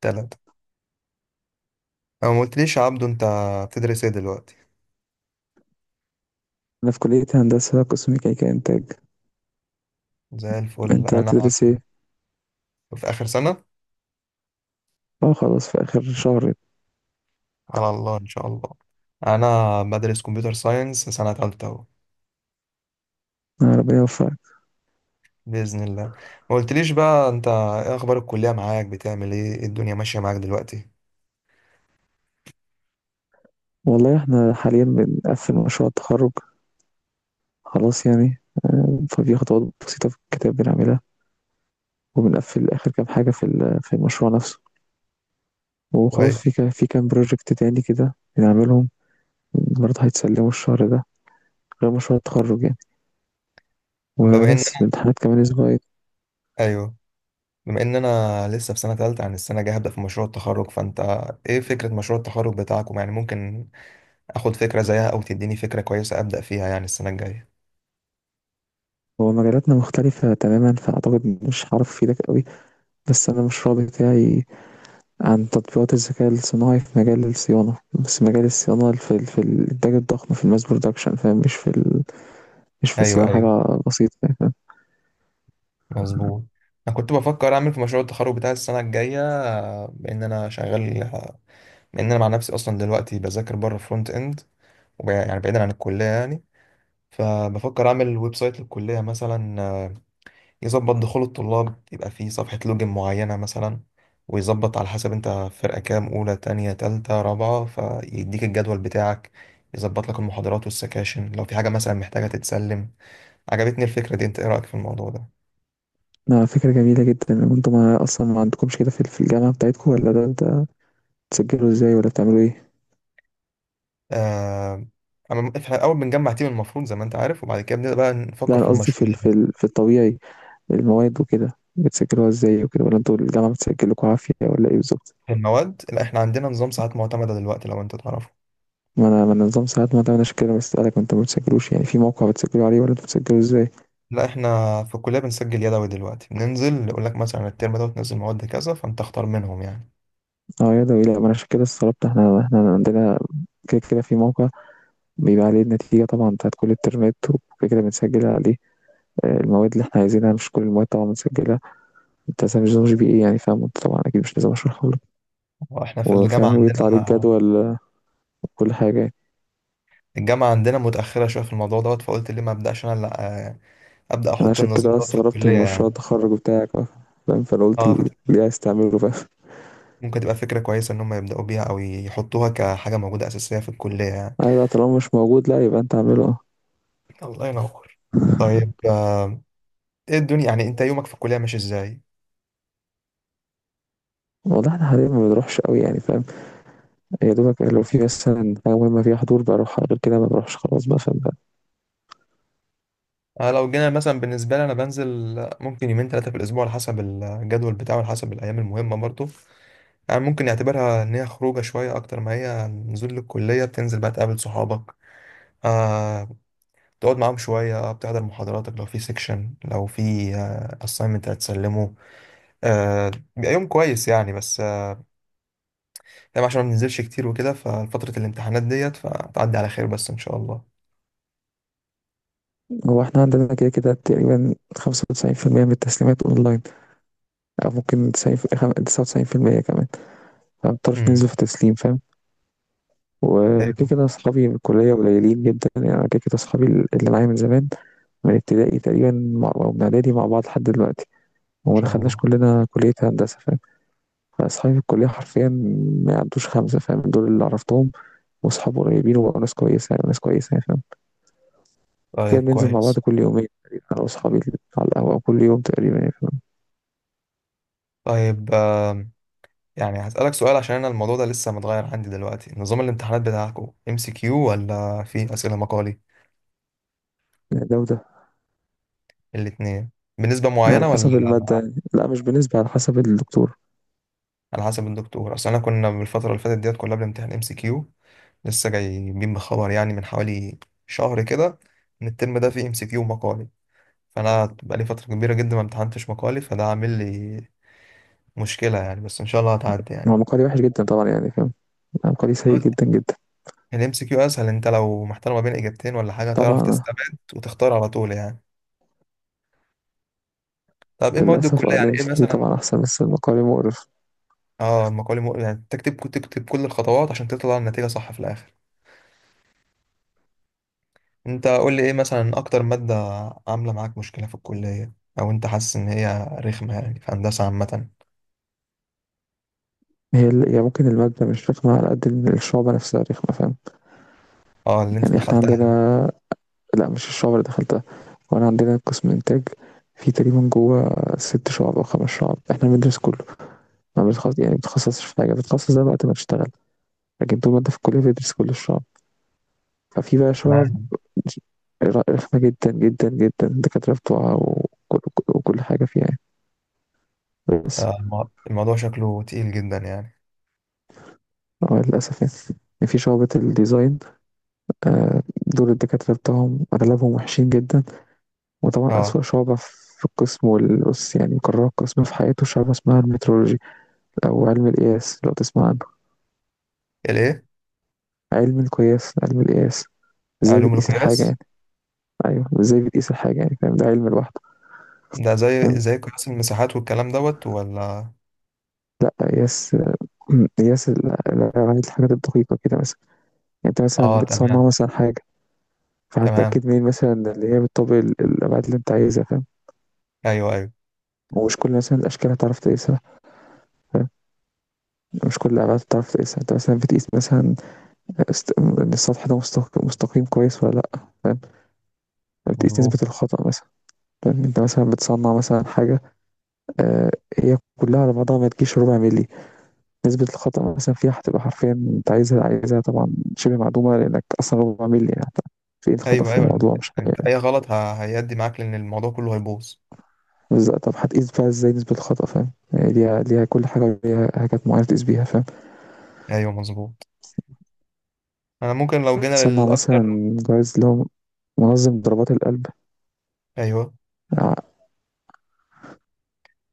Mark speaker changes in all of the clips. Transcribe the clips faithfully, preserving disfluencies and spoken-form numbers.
Speaker 1: تلاتة. أو ما قلتليش يا عبدو، أنت بتدرس إيه دلوقتي؟
Speaker 2: أنا في كلية هندسة قسم ميكانيكا إنتاج.
Speaker 1: زي الفل.
Speaker 2: أنت
Speaker 1: أنا
Speaker 2: هتدرس إيه؟
Speaker 1: في آخر سنة.
Speaker 2: أه، خلاص في آخر شهر.
Speaker 1: على الله إن شاء الله. أنا بدرس كمبيوتر ساينس سنة تالتة أهو.
Speaker 2: آه، ربنا يوفقك.
Speaker 1: بإذن الله. ما قلتليش بقى أنت، إيه أخبار الكلية معاك، بتعمل إيه، إيه الدنيا ماشية معاك دلوقتي؟
Speaker 2: والله إحنا حاليا بنقفل مشروع التخرج، خلاص يعني. ففي خطوات بسيطة في الكتاب بنعملها، وبنقفل آخر كام حاجة في ال- في المشروع نفسه. وخلاص في
Speaker 1: كويس.
Speaker 2: كا- في كام بروجكت تاني كده بنعملهم. برضه هيتسلموا الشهر ده، غير مشروع التخرج يعني.
Speaker 1: طب بما إن
Speaker 2: وبس
Speaker 1: أنا،
Speaker 2: الامتحانات كمان أسبوعين.
Speaker 1: أيوه، بما إن أنا لسه في سنة تالتة، عن السنة الجاية هبدأ في مشروع التخرج، فأنت إيه فكرة مشروع التخرج بتاعكم؟ يعني ممكن آخد فكرة زيها أو تديني فكرة كويسة أبدأ فيها يعني السنة الجاية.
Speaker 2: هو مجالاتنا مختلفة تماما، فأعتقد مش هعرف أفيدك قوي. بس أنا المشروع بتاعي عن تطبيقات الذكاء الصناعي في مجال الصيانة، بس مجال الصيانة في ال- في الإنتاج الضخم، في الماس برودكشن، فاهم؟ مش في ال... مش في
Speaker 1: أيوه،
Speaker 2: صيانة
Speaker 1: أيوه،
Speaker 2: حاجة بسيطة يعني، فاهم؟
Speaker 1: مظبوط. انا كنت بفكر اعمل في مشروع التخرج بتاع السنه الجايه، آه، بان انا شغال، آه، بان انا مع نفسي اصلا دلوقتي بذاكر بره فرونت اند. وب- يعني بعيدا عن الكليه يعني. فبفكر اعمل ويب سايت للكليه مثلا، آه، يظبط دخول الطلاب، يبقى فيه صفحه لوجن معينه مثلا، ويظبط على حسب انت فرقه كام، اولى تانية تالتة رابعه، فيديك الجدول بتاعك، يظبط لك المحاضرات والسكاشن لو في حاجه مثلا محتاجه تتسلم. عجبتني الفكره دي، انت ايه رايك في الموضوع ده؟
Speaker 2: آه، فكرة جميلة جدا. انتوا ما أصلا ما عندكمش كده في ال- في الجامعة بتاعتكم؟ ولا ده انت بتسجلوا ازاي؟ ولا بتعملوا ايه؟
Speaker 1: آه، أما إحنا أول بنجمع تيم المفروض زي ما أنت عارف، وبعد كده بنبدأ بقى
Speaker 2: لا،
Speaker 1: نفكر
Speaker 2: أنا
Speaker 1: في
Speaker 2: قصدي في
Speaker 1: المشروع.
Speaker 2: ال... في ال... في الطبيعي، المواد وكده بتسجلوها ازاي وكده؟ ولا انتوا الجامعة بتسجلكوا عافية ولا ايه بالظبط؟
Speaker 1: في المواد، لا، إحنا عندنا نظام ساعات معتمدة دلوقتي لو أنت تعرفه.
Speaker 2: ما أنا ما أنا نظام ساعات. ما ده أنا عشان كده بسألك. وانتوا ما بتسجلوش يعني في موقع بتسجلوا عليه؟ ولا انتوا بتسجلوا ازاي؟
Speaker 1: لا، إحنا في الكلية بنسجل يدوي دلوقتي، بننزل يقول لك مثلا الترم ده وتنزل مواد كذا فأنت اختار منهم يعني.
Speaker 2: اه، يدوي. لا، ما انا عشان كده استغربت. احنا احنا عندنا كده كده في موقع بيبقى عليه النتيجة طبعا بتاعت كل الترمات، وكده كده بنسجل عليه آه، المواد اللي احنا عايزينها. مش كل المواد طبعا بنسجلها. انت مثلا مش نظام جي بي اي، يعني فاهم. انت طبعا اكيد مش لازم اشرحه لك.
Speaker 1: وإحنا في
Speaker 2: وفاهم،
Speaker 1: الجامعة
Speaker 2: ويطلع عليك
Speaker 1: عندنا،
Speaker 2: جدول كل حاجة يعني.
Speaker 1: الجامعة عندنا متأخرة شوية في الموضوع دوت، فقلت ليه ما أبدأش أنا لا، آه، أبدأ
Speaker 2: انا
Speaker 1: أحط
Speaker 2: عشان
Speaker 1: النظام
Speaker 2: كده
Speaker 1: دوت في
Speaker 2: استغربت
Speaker 1: الكلية
Speaker 2: من مشروع
Speaker 1: يعني.
Speaker 2: التخرج بتاعك آه، فاهم. فانا قلت
Speaker 1: أه
Speaker 2: ال-
Speaker 1: فت-
Speaker 2: ليه عايز تعمله، فاهم.
Speaker 1: ممكن تبقى فكرة كويسة إن هم يبدأوا بيها أو يحطوها كحاجة موجودة أساسية في الكلية يعني.
Speaker 2: انا لا، طالما مش موجود، لا، يبقى انت اعمله، اه.
Speaker 1: الله ينور. طيب، آه، ايه الدنيا، يعني انت يومك في الكليه ماشي ازاي؟
Speaker 2: والله احنا حاليا ما بنروحش قوي يعني، فاهم. يا دوبك لو في مثلا حاجة مهمة فيها حضور بروح، غير كده ما بروحش خلاص بقى، فاهم.
Speaker 1: انا لو جينا مثلا بالنسبه لي، انا بنزل ممكن يومين ثلاثه في الاسبوع على حسب الجدول بتاعه، على حسب الايام المهمه برضه. يعني ممكن نعتبرها ان هي خروجه شويه اكتر ما هي نزول للكليه. بتنزل بقى تقابل صحابك، آه تقعد معاهم شويه، بتحضر محاضراتك، لو في سيكشن، لو في اساينمنت هتسلمه، آه بيبقى يوم كويس يعني. بس آه يعني عشان ما بننزلش كتير وكده، ففتره الامتحانات ديت فتعدي على خير بس ان شاء الله.
Speaker 2: هو احنا عندنا كده كده تقريبا خمسة وتسعين في المية من التسليمات اونلاين. او ممكن تسعين في- خم- تسعة وتسعين بالمية كمان. فمبنضطرش ننزل
Speaker 1: امم
Speaker 2: في تسليم، فاهم. وكده
Speaker 1: حلو.
Speaker 2: كده اصحابي من الكلية قليلين جدا يعني. أنا كده كده اصحابي اللي معايا من زمان، من ابتدائي تقريبا مع- او من اعدادي مع بعض لحد دلوقتي.
Speaker 1: ما
Speaker 2: وما
Speaker 1: شاء
Speaker 2: دخلناش
Speaker 1: الله.
Speaker 2: كلنا كلية هندسة، فاهم. فاصحابي في الكلية حرفيا ما يعدوش خمسة، فاهم. دول اللي عرفتهم واصحاب قريبين وبقوا ناس كويسة يعني، ناس كويسة يعني، فاهم. كده
Speaker 1: طيب
Speaker 2: بننزل مع بعض
Speaker 1: كويس.
Speaker 2: كل يومين تقريبا، انا واصحابي، على القهوة كل يوم تقريبا يعني، فاهم.
Speaker 1: طيب، آم، يعني هسألك سؤال عشان أنا الموضوع ده لسه متغير عندي دلوقتي. نظام الامتحانات بتاعكم ام سي كيو ولا في أسئلة مقالي؟
Speaker 2: يعني ده وده،
Speaker 1: الاتنين. بنسبة
Speaker 2: على
Speaker 1: معينة ولا؟
Speaker 2: حسب المادة يعني. لا، مش بنسبة، على حسب الدكتور.
Speaker 1: على حسب الدكتور. أصل أنا كنا بالفترة اللي فاتت ديت كلها بنمتحن ام سي كيو، لسه جايبين بخبر يعني من حوالي شهر كده إن الترم ده فيه ام سي كيو مقالي، فأنا بقالي فترة كبيرة جدا ما امتحنتش مقالي فده عامل لي مشكلة يعني. بس إن شاء الله هتعدي.
Speaker 2: هو مقالي وحش جدا طبعا يعني، فاهم. مقالي سيء
Speaker 1: يعني
Speaker 2: جدا جدا
Speaker 1: الام سي كيو اسهل، انت لو محتار ما بين اجابتين ولا حاجه هتعرف
Speaker 2: طبعا.
Speaker 1: تستبعد وتختار على طول يعني. طب ايه مواد
Speaker 2: للأسف اه،
Speaker 1: الكليه،
Speaker 2: ال
Speaker 1: يعني ايه
Speaker 2: إم سي كيو
Speaker 1: مثلا؟
Speaker 2: طبعا أحسن، بس المقالي مقرف.
Speaker 1: اه المقالي مو... يعني تكتب تكتب كل الخطوات عشان تطلع النتيجه صح في الاخر. انت قول لي ايه مثلا اكتر ماده عامله معاك مشكله في الكليه، او انت حاسس ان هي رخمه يعني، في هندسه عامه؟
Speaker 2: هي ال- هي ممكن المادة مش رخمة على قد إن الشعبة نفسها رخمة، فاهم.
Speaker 1: اه اللي انت
Speaker 2: يعني احنا
Speaker 1: دخلتها
Speaker 2: عندنا، لا مش الشعبة اللي دخلتها. وانا عندنا قسم إنتاج، في تقريبا جوه ست شعب أو خمس شعب احنا بندرس كله. ما بنتخصص، يعني بتخصصش في حاجة، بتتخصص ده وقت ما تشتغل. لكن طول ما انت في الكلية بتدرس كل الشعب. ففي بقى شعب
Speaker 1: يعني.
Speaker 2: رخمة جدا جدا جدا، الدكاترة بتوعها وكل, وكل وكل حاجة فيها يعني. بس
Speaker 1: آه، الم- الموضوع شكله تقيل جدا يعني.
Speaker 2: اه، للأسف يعني. يعني في شعبة الديزاين آه، دول الدكاترة بتوعهم أغلبهم وحشين جدا. وطبعا
Speaker 1: اه.
Speaker 2: أسوأ شعبة في القسم والأس، يعني قرار القسم في حياته، شعبة اسمها المترولوجي، أو علم القياس لو تسمع عنه.
Speaker 1: الايه؟
Speaker 2: علم القياس، علم القياس، ازاي
Speaker 1: علوم
Speaker 2: بتقيس الحاجة
Speaker 1: القياس.
Speaker 2: يعني. أيوه، ازاي بتقيس الحاجة يعني، فاهم. ده علم لوحده،
Speaker 1: ده
Speaker 2: فاهم.
Speaker 1: زي زي قياس المساحات والكلام دوت ولا؟
Speaker 2: قياس، قياس ال- ال- يعني الحاجات الدقيقة كده مثلا. يعني أنت مثلا
Speaker 1: اه
Speaker 2: بتصنع
Speaker 1: تمام.
Speaker 2: مثلا حاجة،
Speaker 1: تمام.
Speaker 2: فهتتأكد منين مثلا اللي هي بتطبق ال- الأبعاد اللي أنت عايزها، فاهم.
Speaker 1: ايوه، ايوه،
Speaker 2: ومش كل مثلا الأشكال هتعرف تقيسها، فاهم. مش كل الأبعاد هتعرف تقيسها. أنت مثلا بتقيس مثلا است... إن السطح ده مستق... مستقيم كويس ولا لأ، فاهم. يعني بتقيس
Speaker 1: مظبوط.
Speaker 2: نسبة الخطأ مثلا، فاهم. أنت مثلا بتصنع مثلا حاجة آه، هي كلها على بعضها ما تجيش ربع ملي. نسبة الخطأ مثلا فيها هتبقى حرفيا أنت عايزها عايزها طبعا شبه معدومة، لأنك أصلا ربع ملي يعني، في إيه الخطأ
Speaker 1: ايوه،
Speaker 2: في
Speaker 1: ايوه، لما-
Speaker 2: الموضوع؟ مش
Speaker 1: انت اي غلط ه- هيأدي معاك لان الموضوع كله هيبوظ.
Speaker 2: بالض طب هتقيس بقى إزاي نسبة الخطأ، فاهم؟ هي ليها ليها كل حاجة، ليها حاجات معينة تقيس بيها، فاهم.
Speaker 1: ايوه مظبوط. انا ممكن لو جينا
Speaker 2: تصنّع مثلًا
Speaker 1: للاكتر،
Speaker 2: جهاز اللي هو منظم ضربات القلب.
Speaker 1: ايوه،
Speaker 2: ع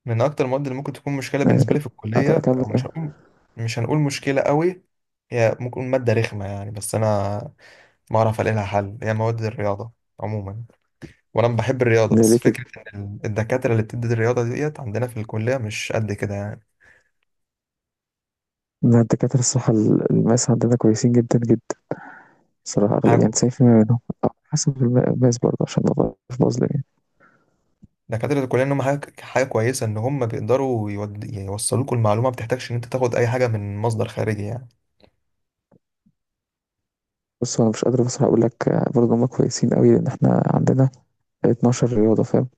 Speaker 1: من اكتر المواد اللي ممكن تكون مشكله
Speaker 2: آه،
Speaker 1: بالنسبه لي في
Speaker 2: أت
Speaker 1: الكليه،
Speaker 2: أكمّل
Speaker 1: او مش
Speaker 2: كلام.
Speaker 1: هقول، مش هنقول مشكله قوي، هي ممكن ماده رخمه يعني، بس انا ما اعرف الاقي لها حل، هي مواد الرياضه عموما. وانا بحب الرياضه
Speaker 2: زي ليه
Speaker 1: بس
Speaker 2: كده،
Speaker 1: فكره ان ال- الدكاتره اللي بتدي الرياضه ديت عندنا في الكليه مش قد كده
Speaker 2: إن الدكاترة الصراحة ال الماس عندنا كويسين جدًا، جدًا الصراحة. أغل يعني
Speaker 1: يعني.
Speaker 2: تسعين بالمية منهم، أو حسب الم الماس برضه عشان ما ابقاش باظلم يعني.
Speaker 1: دكاترة الكلية إن هم حاجة حاجة كويسة، إن هم بيقدروا يود... يوصلوكوا المعلومة، ما بتحتاجش إن أنت تاخد أي حاجة من مصدر خارجي يعني.
Speaker 2: بُص، هو أنا مش قادر بصراحة أقول لك آه، برضه هُم كويسين أوي، لإن إحنا عندنا اتناشر رياضة، فاهم.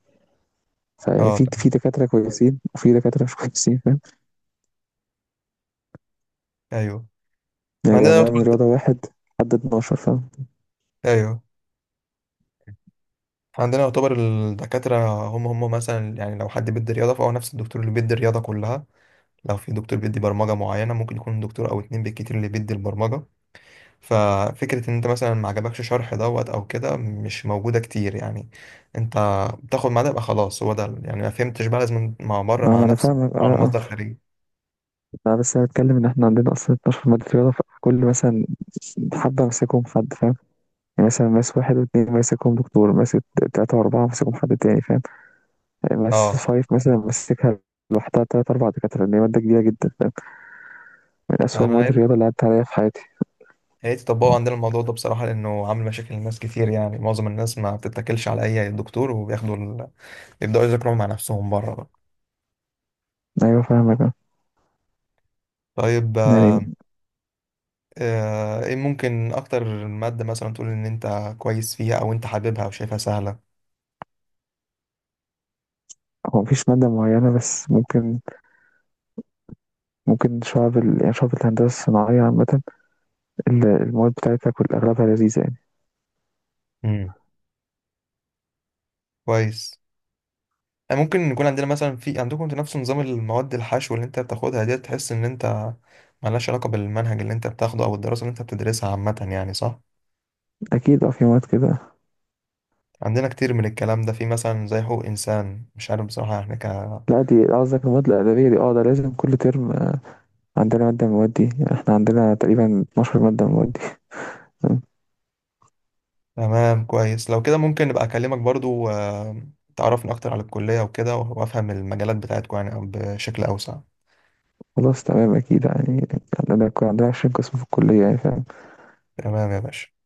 Speaker 2: فيعني
Speaker 1: أه
Speaker 2: في في
Speaker 1: تمام.
Speaker 2: دكاترة كويسين وفي دكاترة مش كويسين، فاهم.
Speaker 1: أيوه. إحنا
Speaker 2: يعني
Speaker 1: عندنا
Speaker 2: أنا من رياضة
Speaker 1: يعتبر،
Speaker 2: واحد لحد اتناشر، فاهم.
Speaker 1: أيوه، إحنا عندنا يعتبر الدكاترة هم هم مثلا، يعني لو حد بيدي رياضة فهو نفس الدكتور اللي بيدي الرياضة كلها. لو في دكتور بيدي برمجة معينة ممكن يكون دكتور أو اتنين بالكتير اللي بيدي البرمجة. ففكرة إن أنت مثلا ما عجبكش شرح دوت أو كده مش موجودة كتير يعني. أنت بتاخد معاه ده يبقى خلاص هو ده يعني، ما فهمتش بقى لازم مع بره
Speaker 2: اه،
Speaker 1: مع
Speaker 2: ما انا
Speaker 1: نفسك
Speaker 2: فاهمك، اه
Speaker 1: على
Speaker 2: اه.
Speaker 1: مصدر خارجي.
Speaker 2: لا، بس انا بتكلم ان احنا عندنا اصلا اتناشر مادة رياضة. فكل مثلا حبة ماسكهم حد، فاهم. يعني مثلا ماس واحد واتنين ماسكهم دكتور، ماسك تلاتة وأربعة ماسكهم حد تاني، فاهم. ماس
Speaker 1: اه.
Speaker 2: فايف مثلا ماسكها لوحدها تلات أربع دكاترة، لأن هي مادة كبيرة جدا، فاهم. من أسوأ
Speaker 1: انا يا
Speaker 2: مواد
Speaker 1: ريت،
Speaker 2: الرياضة اللي عدت عليا في حياتي.
Speaker 1: يا ريت يطبقوا عندنا الموضوع ده بصراحه لانه عامل مشاكل لناس كتير يعني. معظم الناس ما بتتكلش على اي دكتور وبياخدوا ال... يبداوا يذاكروا مع نفسهم بره بقى.
Speaker 2: أيوة فاهمك اه.
Speaker 1: طيب،
Speaker 2: يعني
Speaker 1: آه، ايه ممكن اكتر ماده مثلا تقول ان انت كويس فيها او انت حاببها او شايفها سهله؟
Speaker 2: هو مفيش مادة معينة، بس ممكن، ممكن شعب ال... يعني شعب الهندسة الصناعية عامة، ال- المواد بتاعتها كل أغلبها لذيذة يعني.
Speaker 1: امم. كويس. آه، ممكن يكون عندنا مثلا، في عندكم انتوا نفس نظام المواد الحشو اللي انت بتاخدها ديت، تحس ان انت ملهاش علاقه بالمنهج اللي انت بتاخده او الدراسه اللي انت بتدرسها عامه يعني، صح؟
Speaker 2: أكيد اه، في مواد كده.
Speaker 1: عندنا كتير من الكلام ده، في مثلا زي حقوق إنسان مش عارف بصراحة احنا ك.
Speaker 2: لا، دي قصدك المواد الأدبية دي، اه ده لازم كل ترم عندنا مادة من المواد دي يعني. احنا عندنا تقريبا اتناشر مادة من المواد دي.
Speaker 1: تمام كويس. لو كده ممكن نبقى أكلمك برضو، آه، تعرفني أكتر على الكلية وكده وأفهم المجالات بتاعتكم يعني بشكل أوسع.
Speaker 2: خلاص تمام، أكيد يعني. عندنا عندنا عشرين قسم في الكلية يعني.
Speaker 1: تمام يا باشا.